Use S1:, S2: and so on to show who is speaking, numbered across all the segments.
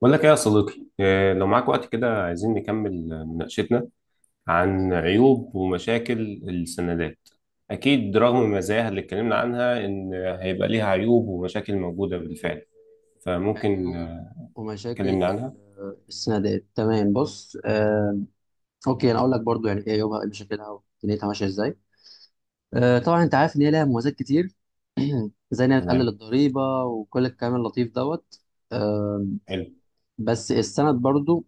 S1: بقول لك ايه يا صديقي، لو معاك وقت كده عايزين نكمل مناقشتنا عن
S2: تمام.
S1: عيوب ومشاكل السندات. اكيد رغم مزاياها اللي اتكلمنا عنها ان هيبقى ليها عيوب ومشاكل موجودة بالفعل. فممكن
S2: عيوب ومشاكل
S1: تكلمنا عنها.
S2: السندات. تمام، بص، اوكي، انا اقول لك برضو يعني ايه عيوبها، ايه مشاكلها، ودنيتها ماشيه ازاي. طبعا انت عارف ان هي لها مميزات كتير زي انها بتقلل
S1: تمام.
S2: الضريبه وكل الكلام اللطيف دوت. آه،
S1: حلو.
S2: بس السند برضو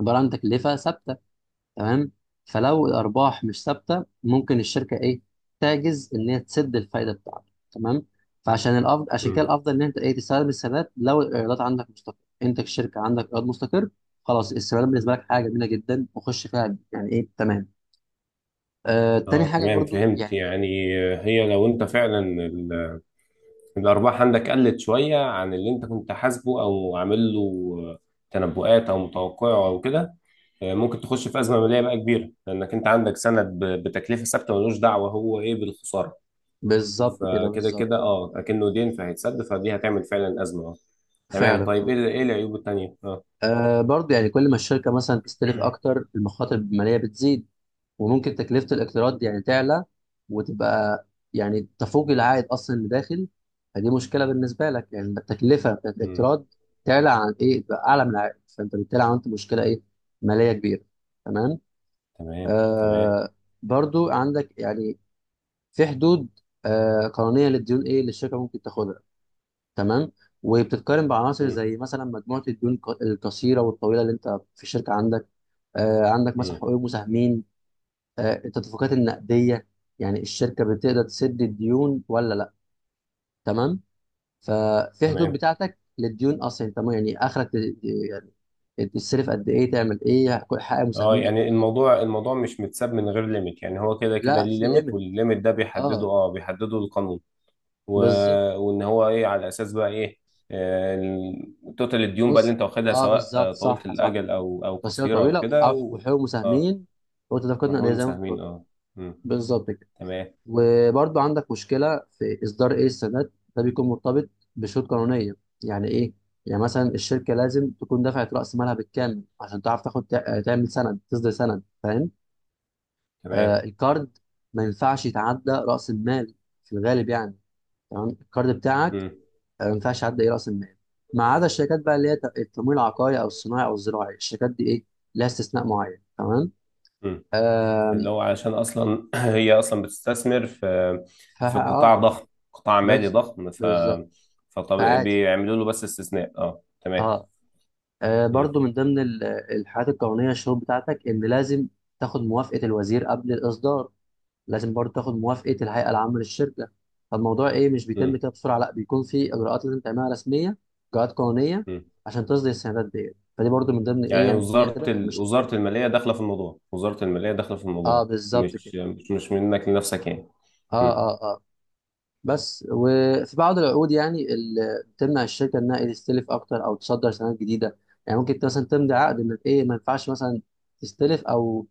S2: عباره عن تكلفه ثابته، تمام. فلو الارباح مش ثابته ممكن الشركه ايه، تعجز ان هي تسد الفايده بتاعتك، تمام. فعشان الافضل، عشان كده
S1: مم.
S2: الافضل ان انت ايه، تستخدم السندات لو الايرادات عندك مستقر. انت كشركه عندك ايراد مستقر، خلاص السندات بالنسبه لك حاجه جميله جدا وخش فيها، يعني ايه، تمام. آه، تاني
S1: اه،
S2: حاجه
S1: تمام.
S2: برضو
S1: فهمت،
S2: يعني
S1: يعني هي لو انت فعلا الأرباح عندك قلت شوية عن اللي أنت كنت حاسبه أو عامل له تنبؤات أو متوقعه أو كده. ممكن تخش في أزمة مالية بقى كبيرة، لأنك أنت عندك سند بتكلفة ثابتة ملوش دعوة هو إيه بالخسارة.
S2: بالظبط كده،
S1: فكده
S2: بالظبط،
S1: كده أكنه دين فهيتسد، فدي هتعمل فعلا أزمة. تمام.
S2: فعلا
S1: طيب،
S2: اه.
S1: إيه العيوب التانية؟
S2: آه، برضو يعني كل ما الشركه مثلا تستلف اكتر المخاطر الماليه بتزيد، وممكن تكلفة الاقتراض دي يعني تعلى وتبقى يعني تفوق العائد أصلا اللي داخل. فدي مشكلة بالنسبة لك، يعني التكلفة بتاعت
S1: مم.
S2: الاقتراض تعلى عن إيه، تبقى أعلى من العائد، فأنت بالتالي عملت مشكلة إيه، مالية كبيرة، تمام.
S1: تمام، تمام.
S2: آه، برضو عندك يعني في حدود آه قانونية للديون، إيه اللي الشركة ممكن تاخدها، تمام. وبتتقارن بعناصر
S1: مم.
S2: زي مثلا مجموعة الديون القصيرة والطويلة اللي أنت في الشركة عندك، آه، عندك مثلا
S1: مم.
S2: حقوق المساهمين، آه، التدفقات النقديه، يعني الشركه بتقدر تسد الديون ولا لا، تمام. ففي حدود
S1: تمام.
S2: بتاعتك للديون اصلا، تمام، يعني اخرك يعني تصرف قد ايه، تعمل ايه، كل حاجه
S1: اه
S2: مساهمين قد
S1: يعني
S2: ايه.
S1: الموضوع مش متساب من غير ليميت، يعني هو كده كده
S2: لا،
S1: ليه
S2: في
S1: ليميت،
S2: ليميت.
S1: والليميت ده بيحدده
S2: اه
S1: اه بيحدده القانون و...
S2: بالظبط.
S1: وان هو ايه على اساس بقى ايه، توتال الديون بقى اللي
S2: بص،
S1: انت واخدها،
S2: اه
S1: سواء
S2: بالظبط،
S1: طويله
S2: صح صح.
S1: الاجل او
S2: بس هي
S1: قصيره او كده
S2: وحقوق
S1: اه.
S2: مساهمين وتدفقات نقديه
S1: هم
S2: زي ما انت
S1: مساهمين.
S2: قلت.
S1: اه. مم.
S2: بالظبط كده.
S1: تمام،
S2: وبرضو عندك مشكلة في إصدار إيه، السداد ده بيكون مرتبط بشروط قانونية. يعني إيه؟ يعني مثلا الشركة لازم تكون دفعت رأس مالها بالكامل عشان تعرف تعمل سند، تصدر سند، فاهم؟
S1: تمام.
S2: آه، الكارد ما ينفعش يتعدى رأس المال في الغالب يعني. تمام، الكارد بتاعك
S1: مم.
S2: آه، ما ينفعش يعدى إيه رأس المال، ما عدا الشركات بقى اللي هي التمويل العقاري أو الصناعي أو الزراعي. الشركات دي إيه؟ لها استثناء معين، تمام؟
S1: مم.
S2: آه،
S1: اللي هو علشان اصلا هي اصلا بتستثمر في
S2: فا
S1: في قطاع
S2: آه
S1: ضخم، قطاع مالي
S2: بالظبط،
S1: ضخم،
S2: بالظبط
S1: فطب
S2: فعادي،
S1: بيعملوا له بس استثناء. اه تمام.
S2: اه. آه،
S1: مم.
S2: برضو من ضمن الحاجات القانونية الشروط بتاعتك إن لازم تاخد موافقة الوزير قبل الإصدار، لازم برضو تاخد موافقة الهيئة العامة للشركة. فالموضوع إيه، مش بيتم
S1: مم.
S2: كده بسرعة، لا بيكون في إجراءات لازم تعملها رسمية، إجراءات قانونية،
S1: مم.
S2: عشان تصدر السندات ديت. فدي برضو من ضمن إيه
S1: يعني
S2: يعني
S1: وزارة
S2: بنعتبرها مشاكل.
S1: وزارة المالية داخلة في الموضوع، وزارة المالية داخلة في
S2: أه
S1: الموضوع.
S2: بالظبط كده.
S1: مش منك لنفسك، يعني.
S2: أه
S1: مم.
S2: أه آه. بس وفي بعض العقود يعني اللي بتمنع الشركه انها إيه تستلف اكتر او تصدر سنوات جديده. يعني ممكن انت مثلا تمضي عقد انك ايه، ما ينفعش مثلا تستلف او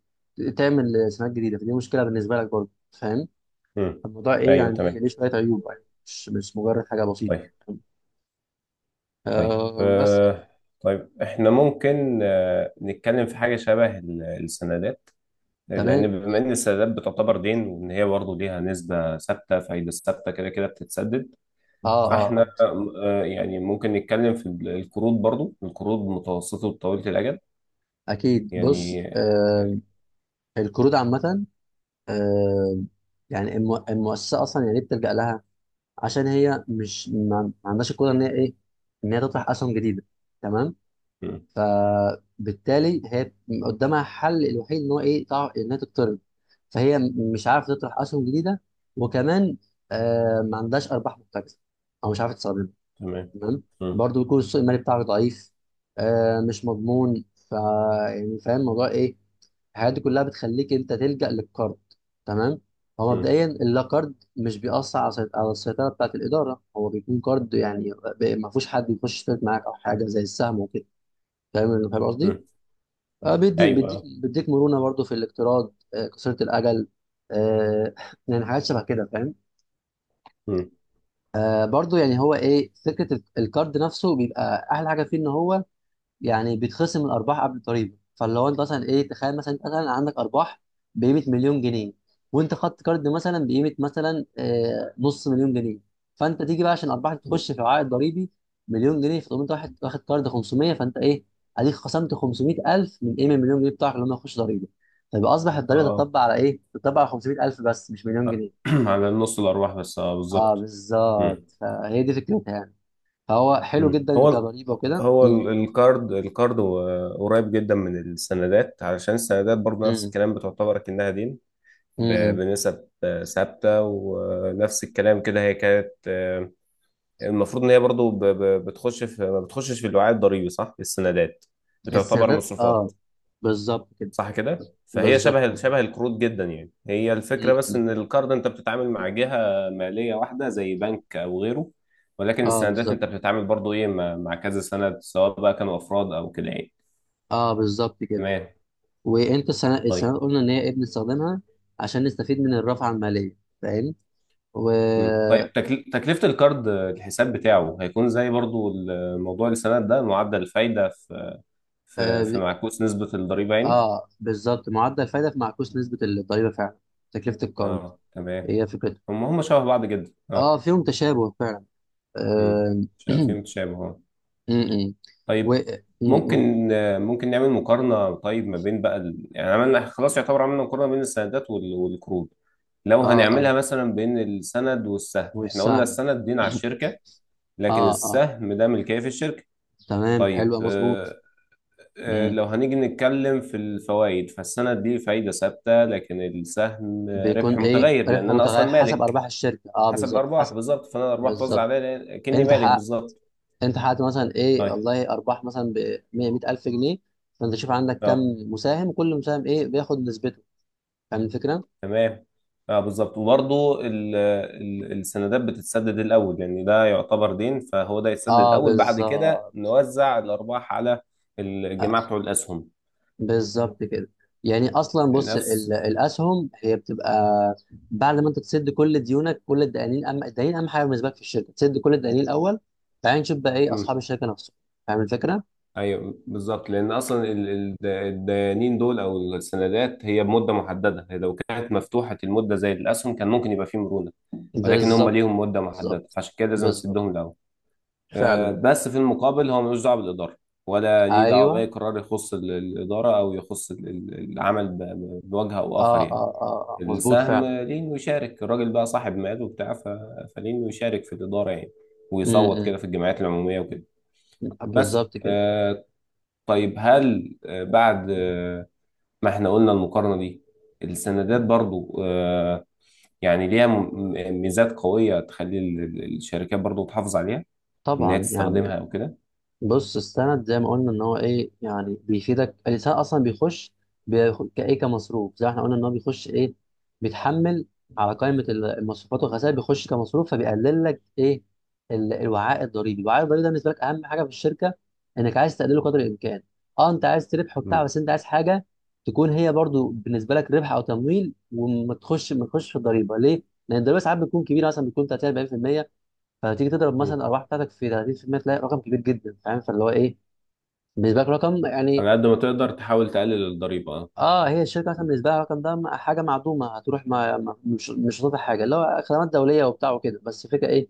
S2: تعمل سنوات جديده، فدي مشكله بالنسبه لك برضه. فاهم
S1: مم.
S2: الموضوع ايه،
S1: ايوه،
S2: يعني
S1: تمام.
S2: ليه شويه عيوب، يعني مش مجرد حاجه
S1: طيب،
S2: بسيطه.
S1: طيب،
S2: آه، بس يعني
S1: طيب احنا ممكن نتكلم في حاجة شبه السندات.
S2: تمام.
S1: لأن بما
S2: اوكي،
S1: إن السندات بتعتبر دين، وإن هي برضه ليها نسبة ثابتة فايدة ثابتة كده كده بتتسدد.
S2: اه اه
S1: فاحنا
S2: اه.
S1: يعني ممكن نتكلم في القروض، برضه القروض متوسطة وطويلة الأجل
S2: اكيد، بص،
S1: يعني.
S2: آه، القروض عامه، آه، يعني المؤسسه اصلا يعني إيه بتلجا لها، عشان هي مش ما عندهاش القدره ان هي ايه، ان هي تطرح اسهم جديده، تمام.
S1: مم.
S2: بالتالي هي قدامها حل الوحيد ان هو ايه ان هي تقترض. مش عارفه تطرح اسهم جديده، وكمان آه ما عندهاش ارباح محتجزه او مش عارفه تستخدمها،
S1: تمام.
S2: تمام.
S1: مم.
S2: برضو يكون السوق المالي بتاعك ضعيف، آه مش مضمون، ف يعني فاهم الموضوع ايه، الحاجات دي كلها بتخليك انت تلجأ للقرض، تمام. هو
S1: مم.
S2: مبدئيا اللا قرض مش بيأثر على على السيطرة بتاعة الإدارة. هو بيكون قرض يعني ما فيهوش حد يخش يشترك معاك أو حاجة زي السهم وكده، فاهم، فاهم قصدي؟
S1: مم.
S2: آه، بيديك
S1: ايوه.
S2: بيديك مرونة برضو في الاقتراض، آه، قصيرة الأجل، آه، يعني حاجات شبه كده، فاهم؟
S1: مم.
S2: آه، برضو يعني هو إيه فكرة القرض نفسه، بيبقى أحلى حاجة فيه إن هو يعني بيتخصم الارباح قبل الضريبه. فاللي هو انت مثلا ايه، تخيل مثلا انت مثلا عندك ارباح بقيمه مليون جنيه، وانت خدت كارد مثلا بقيمه مثلا آه، نص مليون جنيه. فانت تيجي بقى عشان الارباح تخش في العائد الضريبي مليون جنيه، فتقوم انت واحد واخد كارد 500، فانت ايه، اديك خصمت 500,000 من ايه، من مليون جنيه بتاعك، اللي هم يخش ضريبه. فيبقى اصبح الضريبه
S1: اه.
S2: تطبق على ايه؟ تطبق على 500,000 بس، مش مليون جنيه.
S1: على نص الارباح بس،
S2: اه
S1: بالظبط.
S2: بالظبط،
S1: مم.
S2: فهي دي فكرتها يعني. فهو حلو
S1: مم.
S2: جدا
S1: هو ال-
S2: كضريبه وكده.
S1: هو ال- الكارد الكارد هو قريب جدا من السندات، علشان السندات برضه نفس الكلام بتعتبر كأنها دين،
S2: امم،
S1: بنسب ثابتة، ونفس الكلام كده. هي كانت المفروض ان هي برضه بتخش في ما بتخشش في الوعاء الضريبي، صح؟ السندات بتعتبر
S2: السندات،
S1: مصروفات.
S2: اه بالظبط كده.
S1: صح كده. فهي
S2: بالظبط،
S1: شبه
S2: مظبوط.
S1: شبه القروض جدا، يعني هي
S2: م-
S1: الفكره بس
S2: م.
S1: ان القرض انت بتتعامل مع جهه ماليه واحده زي بنك او غيره. ولكن
S2: اه
S1: السندات
S2: بالظبط،
S1: انت بتتعامل برضو ايه مع كذا سند، سواء بقى كانوا افراد او كده يعني.
S2: اه بالظبط كده.
S1: تمام.
S2: وانت السنة
S1: طيب.
S2: السنة قلنا ان هي ايه بنستخدمها عشان نستفيد من الرافعة المالية، فاهم. و
S1: مم. طيب، تكلفه القرض الحساب بتاعه هيكون زي برضو موضوع السند ده، معدل الفايده في
S2: اه
S1: معكوس نسبه الضريبه يعني.
S2: آه، بالظبط، معدل الفايدة في معكوس نسبة الضريبة فعلا تكلفة القرض.
S1: اه، تمام.
S2: هي فكرة،
S1: هم شبه بعض جدا. اه
S2: اه فيهم تشابه فعلا.
S1: امم
S2: آه. م-
S1: شايفين تشابه.
S2: م. و
S1: طيب،
S2: قول.
S1: ممكن نعمل مقارنة. طيب، ما بين بقى يعني عملنا خلاص، يعتبر عملنا مقارنة بين السندات والقروض. لو
S2: اه اه.
S1: هنعملها مثلا بين السند والسهم، احنا قلنا
S2: والسهم
S1: السند دين على الشركة، لكن
S2: اه اه
S1: السهم ده ملكية في الشركة.
S2: تمام،
S1: طيب.
S2: حلو، مظبوط.
S1: اه. اه، لو هنيجي نتكلم في الفوائد، فالسند دي فايدة ثابتة، لكن السهم
S2: بيكون
S1: ربح
S2: ايه
S1: متغير،
S2: ربح
S1: لأن أنا
S2: متغير
S1: أصلا
S2: حسب
S1: مالك.
S2: ارباح الشركه، اه
S1: حسب
S2: بالظبط
S1: الأرباح
S2: حسب.
S1: بالظبط، فأنا الأرباح توزع
S2: بالظبط.
S1: عليا، كأني
S2: انت
S1: مالك
S2: حققت،
S1: بالظبط.
S2: انت حققت مثلا ايه
S1: طيب.
S2: والله ارباح مثلا ب 100 100,000 جنيه. فانت شوف عندك كم
S1: اه.
S2: مساهم، كل مساهم ايه بياخد نسبته، فاهم الفكره.
S1: تمام. اه، بالظبط. وبرضه السندات بتتسدد الاول، يعني ده يعتبر دين فهو ده يتسدد
S2: اه
S1: الاول. بعد كده
S2: بالظبط.
S1: نوزع الارباح على
S2: آه،
S1: الجماعه بتوع الاسهم.
S2: بالظبط كده. يعني اصلا بص
S1: نفس
S2: الاسهم هي بتبقى بعد ما انت تسد كل ديونك، كل الدقانين، اهم الدقانين، اهم حاجه بالنسبه لك في الشركه تسد كل الدقانين الاول، بعدين نشوف بقى ايه
S1: مم.
S2: اصحاب الشركه نفسهم، فاهم الفكره.
S1: ايوه، بالظبط. لان اصلا الديانين دول او السندات هي بمده محدده، هي لو كانت مفتوحه المده زي الاسهم كان ممكن يبقى فيه مرونه. ولكن هم
S2: بالظبط،
S1: ليهم مده محدده،
S2: بالظبط،
S1: فعشان كده لازم
S2: بالظبط
S1: نسدهم الاول.
S2: فعلا.
S1: بس في المقابل هو ملوش دعوه بالاداره، ولا ليه دعوه باي
S2: ايوه
S1: قرار يخص الاداره، او يخص العمل بوجه او
S2: اه
S1: اخر يعني.
S2: اه اه آه، مظبوط
S1: السهم
S2: فعلا.
S1: ليه انه يشارك الراجل بقى صاحب مال وبتاع، فليه انه يشارك في الاداره يعني، ويصوت
S2: م-
S1: كده في الجمعيات العموميه وكده.
S2: م.
S1: بس،
S2: بالظبط كده.
S1: طيب، هل بعد ما احنا قلنا المقارنه دي، السندات برضو يعني ليها ميزات قوية تخلي الشركات برضو تحافظ عليها. إن هي
S2: طبعا يعني،
S1: تستخدمها أو كده.
S2: بص السند زي ما قلنا ان هو ايه يعني بيفيدك، الانسان اصلا كايه كمصروف، زي ما احنا قلنا ان هو بيخش ايه، بيتحمل على قائمه المصروفات والخسائر، بيخش كمصروف، فبيقلل لك ايه، الوعاء الضريبي. الوعاء الضريبي ده بالنسبه لك اهم حاجه في الشركه، انك عايز تقلله قدر الامكان. اه انت عايز تربح وبتاع، بس انت عايز حاجه تكون هي برضو بالنسبه لك ربح او تمويل، وما تخش ما تخش في الضريبه، ليه؟ لان الضريبه ساعات بتكون كبيره، مثلا بتكون 30 40%. فتيجي تضرب مثلا
S1: مم.
S2: الارباح بتاعتك في 30%، تلاقي رقم كبير جدا، فاهم، فاللي هو ايه بالنسبه لك رقم يعني.
S1: على قد ما تقدر تحاول تقلل الضريبة. اه.
S2: اه هي الشركه مثلا بالنسبه لها الرقم ده حاجه معدومه هتروح، مش هتطلع حاجه، اللي هو خدمات دوليه وبتاع وكده. بس الفكره ايه،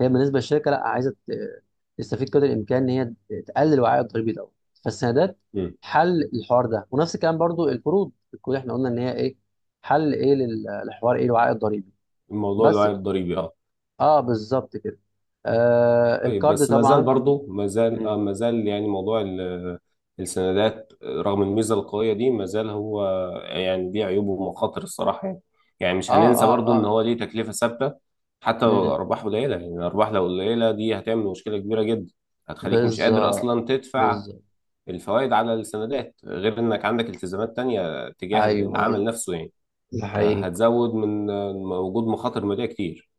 S2: هي بالنسبه للشركه لا عايزه تستفيد قدر الامكان ان هي تقلل وعاء الضريبي دوت. فالسندات
S1: مم.
S2: حل الحوار ده، ونفس الكلام برضو القروض. القروض احنا قلنا ان هي ايه، حل ايه للحوار ايه الوعاء الضريبي بس.
S1: الوعي الضريبي. اه.
S2: اه بالظبط كده. آه
S1: طيب،
S2: الكارد
S1: بس ما زال
S2: طبعا.
S1: برضه ما زال اه ما زال يعني موضوع السندات رغم الميزة القوية دي ما زال هو يعني ليه عيوبه ومخاطر الصراحة يعني. يعني
S2: اه
S1: مش هننسى
S2: اه
S1: برضه ان
S2: اه.
S1: هو ليه تكلفة ثابتة. حتى لو
S2: امم،
S1: الأرباح قليلة، يعني الأرباح لو قليلة دي هتعمل مشكلة كبيرة جدا. هتخليك مش قادر
S2: بالظبط،
S1: أصلا تدفع
S2: بالظبط.
S1: الفوائد على السندات، غير انك عندك التزامات تانية تجاه
S2: ايوه
S1: العمل
S2: ايوه،
S1: نفسه يعني.
S2: ده حقيقي.
S1: هتزود من وجود مخاطر مالية كتير.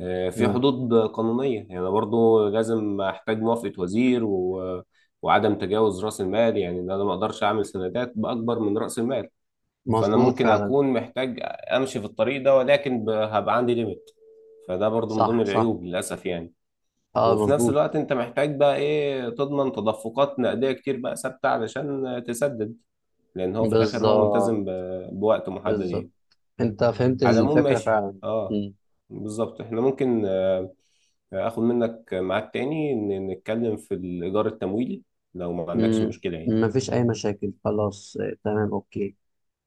S1: في
S2: امم،
S1: حدود قانونية، يعني أنا برضو لازم أحتاج موافقة وزير وعدم تجاوز رأس المال، يعني إن أنا ما أقدرش أعمل سندات بأكبر من رأس المال. فأنا
S2: مظبوط
S1: ممكن
S2: فعلا.
S1: أكون محتاج أمشي في الطريق ده، ولكن هبقى عندي ليميت. فده برضو من ضمن
S2: صح صح،
S1: العيوب للأسف يعني.
S2: اه
S1: وفي نفس
S2: مظبوط.
S1: الوقت أنت محتاج بقى إيه تضمن تدفقات نقدية كتير بقى ثابتة علشان تسدد. لأن هو في الآخر هو
S2: بالظبط،
S1: ملتزم بوقت محدد
S2: بالظبط،
S1: يعني.
S2: انت فهمت
S1: على العموم،
S2: الفكرة
S1: ماشي.
S2: فعلا.
S1: اه.
S2: امم.
S1: بالظبط. احنا ممكن اخد منك ميعاد تاني نتكلم في الإدار التمويلي، لو ما عندكش
S2: امم،
S1: مشكلة يعني.
S2: مفيش اي مشاكل، خلاص آه، تمام اوكي.